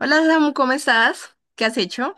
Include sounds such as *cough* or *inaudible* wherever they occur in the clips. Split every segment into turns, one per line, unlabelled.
Hola Samu, ¿cómo estás? ¿Qué has hecho?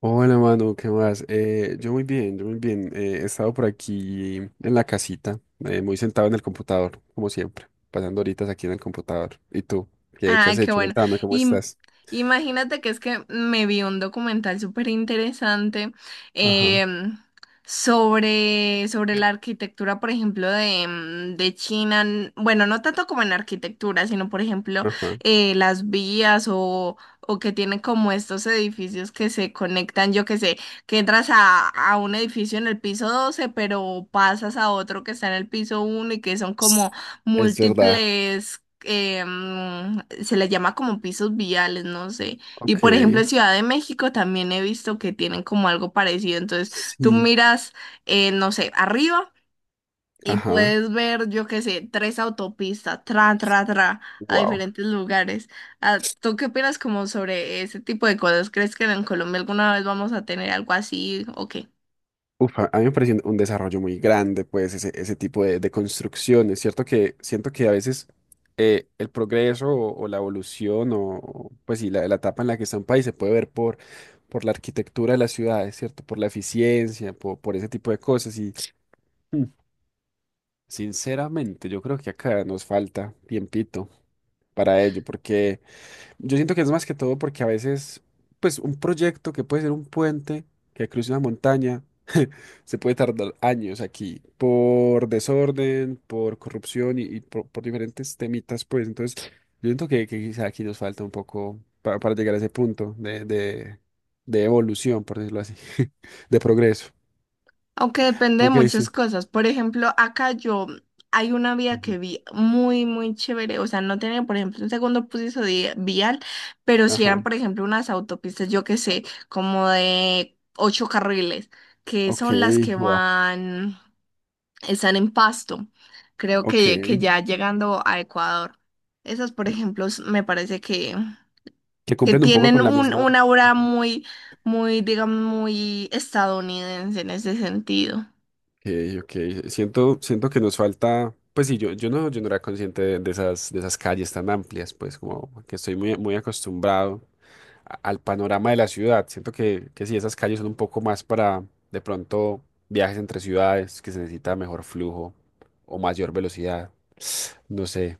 Hola, mano, ¿qué más? Yo muy bien, yo muy bien. He estado por aquí en la casita, muy sentado en el computador, como siempre, pasando horitas aquí en el computador. ¿Y tú? ¿Qué has
Ay, qué
hecho?
bueno.
Cuéntame, ¿cómo
Y m-
estás?
Imagínate que es que me vi un documental súper interesante
Ajá,
em, sobre la arquitectura, por ejemplo, de China. Bueno, no tanto como en arquitectura, sino, por ejemplo,
ajá.
las vías o que tienen como estos edificios que se conectan, yo que sé, que entras a un edificio en el piso 12, pero pasas a otro que está en el piso 1 y que son como
Es verdad.
múltiples se les llama como pisos viales, no sé. Y
OK,
por ejemplo, en Ciudad de México también he visto que tienen como algo parecido. Entonces, tú
sí,
miras, no sé, arriba y
ajá.
puedes ver, yo qué sé, tres autopistas, a
Wow.
diferentes lugares. Ah, ¿tú qué opinas como sobre ese tipo de cosas? ¿Crees que en Colombia alguna vez vamos a tener algo así o qué?
Uf, a mí me parece un desarrollo muy grande, pues, ese tipo de construcciones. Es cierto que siento que a veces el progreso o la evolución o, pues, sí, la etapa en la que está un país se puede ver por la arquitectura de las ciudades, ¿cierto? Por la eficiencia, por ese tipo de cosas. Y mm, sinceramente, yo creo que acá nos falta tiempito para ello, porque... Yo siento que es más que todo porque a veces, pues un proyecto que puede ser un puente que cruce una montaña, *laughs* se puede tardar años aquí por desorden, por corrupción y por diferentes temitas, pues. Entonces, yo siento que quizá aquí nos falta un poco para llegar a ese punto de evolución, por decirlo así, *laughs* de progreso.
Aunque depende de
OK,
muchas
sí.
cosas. Por ejemplo, acá yo hay una vía
Ujú.
que vi muy, muy chévere. O sea, no tenía, por ejemplo, un segundo piso vial, pero si
Ajá.
eran, por ejemplo, unas autopistas, yo qué sé, como de ocho carriles, que
OK,
son las que
wow.
van, están en Pasto. Creo
OK.
que ya llegando a Ecuador. Esas, por ejemplo, me parece
Que
que
cumplen un poco
tienen
con la
un,
misma.
una aura muy, muy, digamos, muy estadounidense en ese sentido.
OK. OK. Siento que nos falta, pues sí, yo no era consciente de esas calles tan amplias, pues como que estoy muy, muy acostumbrado al panorama de la ciudad. Siento que sí, esas calles son un poco más para de pronto viajes entre ciudades, que se necesita mejor flujo o mayor velocidad. *sniffs* No sé.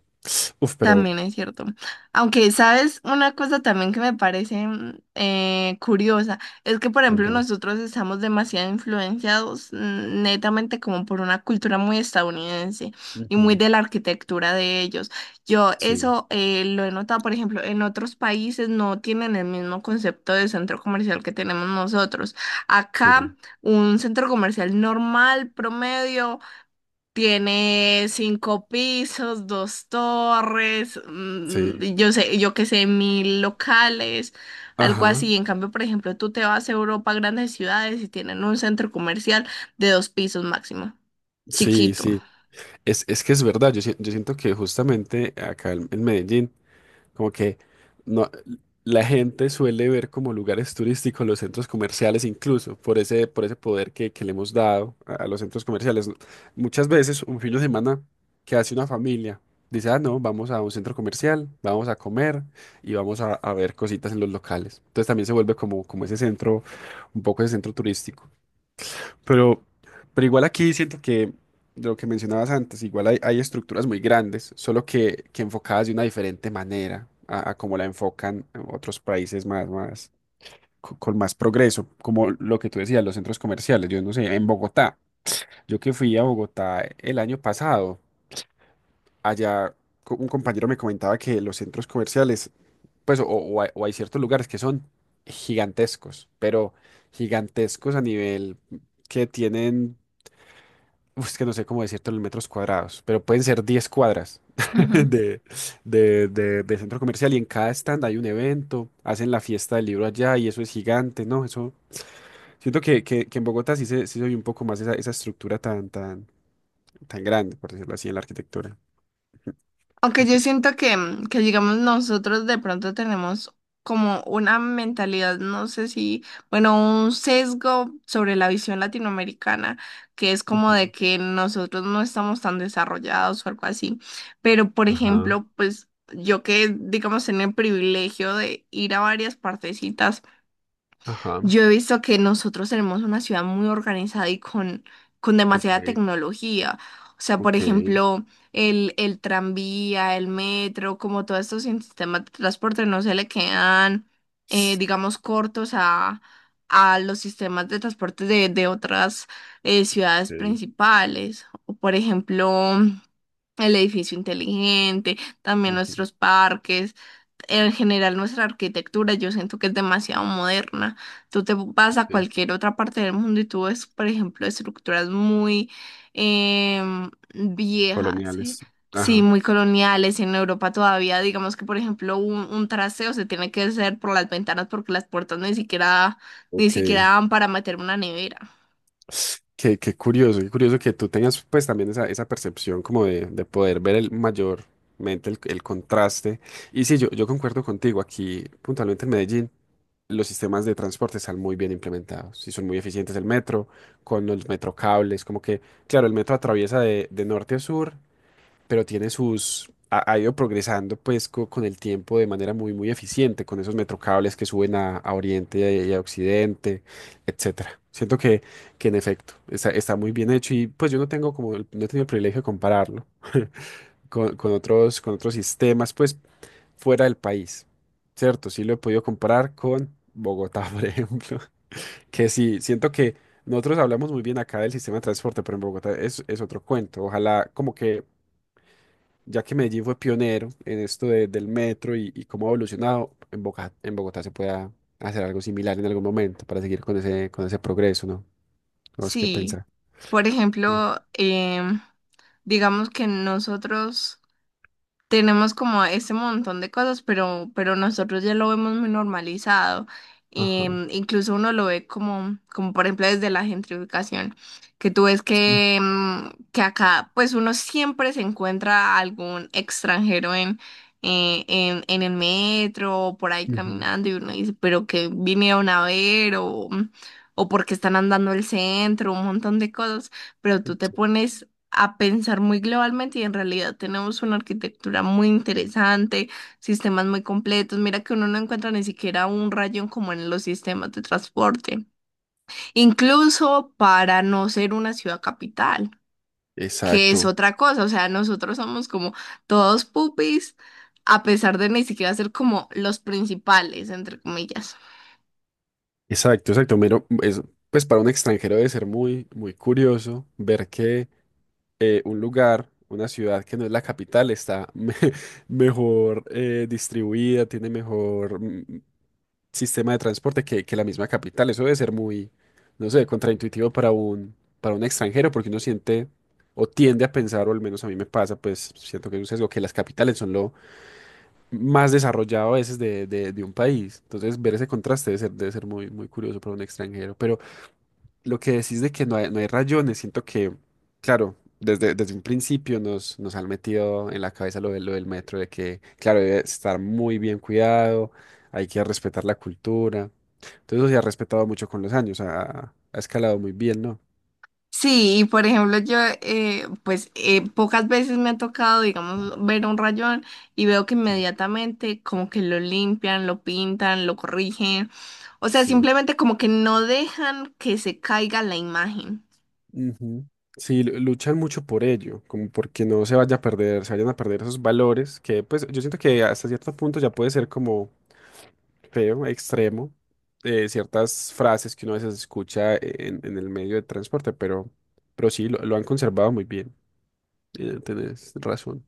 Uf, pero
También es cierto. Aunque, ¿sabes? Una cosa también que me parece curiosa es que, por ejemplo,
contame.
nosotros estamos demasiado influenciados netamente como por una cultura muy estadounidense y muy
Ujú.
de la arquitectura de ellos. Yo
Sí,
eso lo he notado, por ejemplo, en otros países no tienen el mismo concepto de centro comercial que tenemos nosotros. Acá,
sí,
un centro comercial normal, promedio. Tiene cinco pisos, dos torres,
sí.
yo qué sé, mil locales, algo
Ajá.
así. En cambio, por ejemplo, tú te vas a Europa, grandes ciudades y tienen un centro comercial de dos pisos máximo,
Sí,
chiquito.
sí. Es que es verdad. Yo, si- yo siento que justamente acá en Medellín. Como que no, la gente suele ver como lugares turísticos los centros comerciales, incluso por ese poder que le hemos dado a los centros comerciales. Muchas veces un fin de semana que hace una familia dice, ah, no, vamos a un centro comercial, vamos a comer y vamos a ver cositas en los locales. Entonces también se vuelve como ese centro, un poco ese centro turístico. Pero, pero igual aquí siento que de lo que mencionabas antes, igual hay estructuras muy grandes, solo que enfocadas de una diferente manera a como la enfocan en otros países más, más, con más progreso, como lo que tú decías, los centros comerciales. Yo no sé, en Bogotá, yo que fui a Bogotá el año pasado, allá un compañero me comentaba que los centros comerciales, pues, o hay ciertos lugares que son gigantescos, pero gigantescos a nivel que tienen. Uf, es que no sé cómo decírtelo en metros cuadrados, pero pueden ser 10 cuadras *laughs* de, de centro comercial y en cada stand hay un evento, hacen la fiesta del libro allá y eso es gigante, ¿no? Eso, siento que en Bogotá sí se oye un poco más esa estructura tan, tan, tan grande, por decirlo así, en la arquitectura.
Aunque yo siento que, digamos, nosotros de pronto tenemos como una mentalidad, no sé si, bueno, un sesgo sobre la visión latinoamericana, que es como de
Ujú.
que nosotros no estamos tan desarrollados o algo así. Pero, por
Ajá,
ejemplo, pues yo que, digamos, en el privilegio de ir a varias partecitas
ajá,
yo he visto que nosotros tenemos una ciudad muy organizada y con
OK,
demasiada tecnología. O sea, por
OK,
ejemplo, el tranvía, el metro, como todos estos sistemas de transporte no se le quedan, digamos, cortos a los sistemas de transporte de otras ciudades
OK,
principales. O, por ejemplo, el edificio inteligente, también
ujú,
nuestros parques, en general nuestra arquitectura, yo siento que es demasiado moderna. Tú te vas a
sí,
cualquier otra parte del mundo y tú ves, por ejemplo, estructuras muy viejas, sí.
coloniales.
Sí,
Ajá.
muy coloniales. En Europa todavía, digamos que, por ejemplo, un trasteo se tiene que hacer por las ventanas porque las puertas ni siquiera
OK.
dan para meter una nevera.
Qué curioso, qué curioso que tú tengas pues también esa percepción como de poder ver el mayormente el contraste. Y sí, yo concuerdo contigo, aquí puntualmente en Medellín los sistemas de transporte están muy bien implementados y son muy eficientes el metro, con los metrocables, como que, claro, el metro atraviesa de norte a sur pero tiene sus, ha ido progresando pues con el tiempo de manera muy, muy eficiente, con esos metrocables que suben a Oriente y a Occidente, etcétera. Siento que en efecto está muy bien hecho y pues yo no tengo como, no he tenido el privilegio de compararlo *laughs* con otros sistemas pues fuera del país, ¿cierto? Sí lo he podido comparar con Bogotá, *laughs* por ejemplo, que sí, siento que... Nosotros hablamos muy bien acá del sistema de transporte, pero en Bogotá es otro cuento. Ojalá como que ya que Medellín fue pionero en esto del metro y cómo ha evolucionado, en Bogotá se pueda hacer algo similar en algún momento para seguir con ese progreso, ¿no? Tenemos que
Sí,
pensar.
por
Sí.
ejemplo, digamos que nosotros tenemos como ese montón de cosas, pero nosotros ya lo vemos muy normalizado.
Ajá.
Incluso uno lo ve como, como por ejemplo desde la gentrificación, que tú ves
Sí.
que, que acá pues uno siempre se encuentra algún extranjero en el metro o por ahí
Ujú.
caminando y uno dice, pero que vinieron a ver o porque están andando el centro, un montón de cosas, pero tú te pones a pensar muy globalmente y en realidad tenemos una arquitectura muy interesante, sistemas muy completos. Mira que uno no encuentra ni siquiera un rayón como en los sistemas de transporte, incluso para no ser una ciudad capital, que es
Exacto,
otra cosa. O sea, nosotros somos como todos pupis, a pesar de ni siquiera ser como los principales, entre comillas.
exacto, exacto. Mero, es, pues para un extranjero debe ser muy, muy curioso ver que un lugar, una ciudad que no es la capital está *laughs* mejor distribuida, tiene mejor, sistema de transporte que la misma capital. Eso debe ser muy, no sé, contraintuitivo para un extranjero, porque uno siente o tiende a pensar, o al menos a mí me pasa, pues siento que es un sesgo, que las capitales son lo, más desarrollado a veces de un país. Entonces, ver ese contraste debe ser muy, muy curioso para un extranjero. Pero lo que decís de que no hay rayones, siento que, claro, desde un principio nos han metido en la cabeza lo del metro, de que, claro, debe estar muy bien cuidado, hay que respetar la cultura. Entonces, eso se ha respetado mucho con los años, ha escalado muy bien, ¿no?
Sí, y por ejemplo, yo, pues pocas veces me ha tocado, digamos, ver un rayón y veo que
Sí.
inmediatamente como que lo limpian, lo pintan, lo corrigen. O sea,
Sí.
simplemente como que no dejan que se caiga la imagen.
Ujú. Sí, luchan mucho por ello, como porque no se vaya a perder, se vayan a perder esos valores que pues yo siento que hasta cierto punto ya puede ser como feo, extremo, ciertas frases que uno a veces escucha en el medio de transporte, pero sí, lo han conservado muy bien, tenés razón.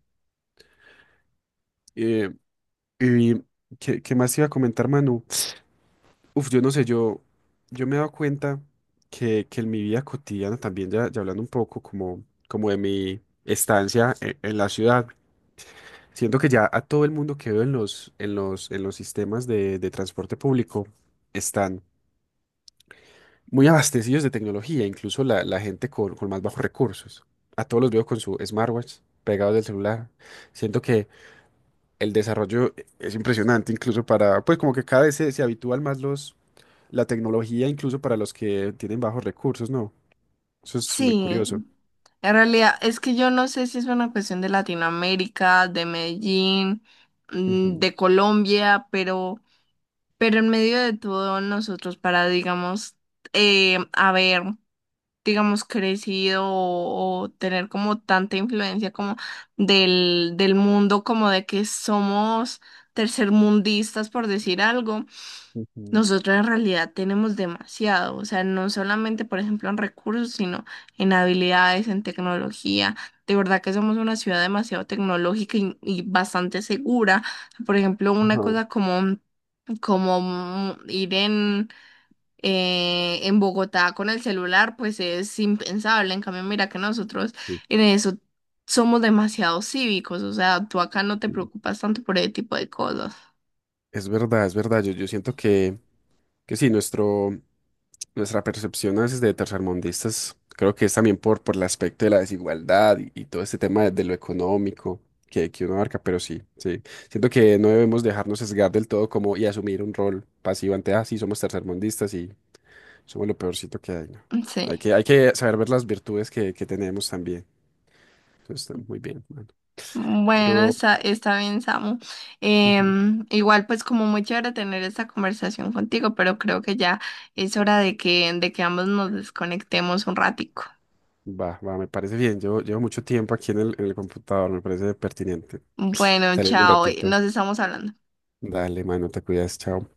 Eh, y ¿qué más iba a comentar, Manu? Uf, yo no sé, yo me he dado cuenta que en mi vida cotidiana también, ya hablando un poco como de mi estancia en, la ciudad, siento que ya a todo el mundo que veo en los sistemas de transporte público están muy abastecidos de tecnología, incluso la gente con más bajos recursos. A todos los veo con su smartwatch pegados del celular. Siento que el desarrollo es impresionante, incluso para, pues como que cada vez se habitúan más los la tecnología incluso para los que tienen bajos recursos, ¿no? Eso es muy
Sí,
curioso.
en realidad es que yo no sé si es una cuestión de Latinoamérica, de Medellín,
Ujú,
de Colombia, pero en medio de todo nosotros para, digamos, a ver, digamos, crecido o tener como tanta influencia como del mundo, como de que somos tercermundistas, por decir algo,
ujú.
nosotros en realidad tenemos demasiado, o sea, no solamente, por ejemplo, en recursos, sino en habilidades, en tecnología. De verdad que somos una ciudad demasiado tecnológica y bastante segura. Por ejemplo, una
Ajá.
cosa como, como ir en Bogotá con el celular, pues es impensable. En cambio, mira que nosotros
Sí,
en eso somos demasiado cívicos, o sea, tú acá no te
sí.
preocupas tanto por ese tipo de cosas.
Es verdad, es verdad. Yo siento que sí, nuestro, nuestra percepción a veces de tercermundistas, creo que es también por el aspecto de la desigualdad y todo este tema de lo económico que uno abarca, pero sí, sí. Siento que no debemos dejarnos sesgar del todo como y asumir un rol pasivo ante, ah, sí, somos tercermundistas. Somos lo peorcito que hay, ¿no?
Sí.
Hay que saber ver las virtudes que tenemos también. Eso está muy bien, mano.
Bueno,
Pero
está bien, Samu.
ujú,
Igual, pues como muy chévere tener esta conversación contigo, pero creo que ya es hora de que ambos nos desconectemos un ratico.
va, va, me parece bien. Yo llevo mucho tiempo aquí en el computador, me parece pertinente. *laughs*
Bueno,
Salir un
chao,
ratito.
nos estamos hablando.
Dale, mano, te cuidas, chao.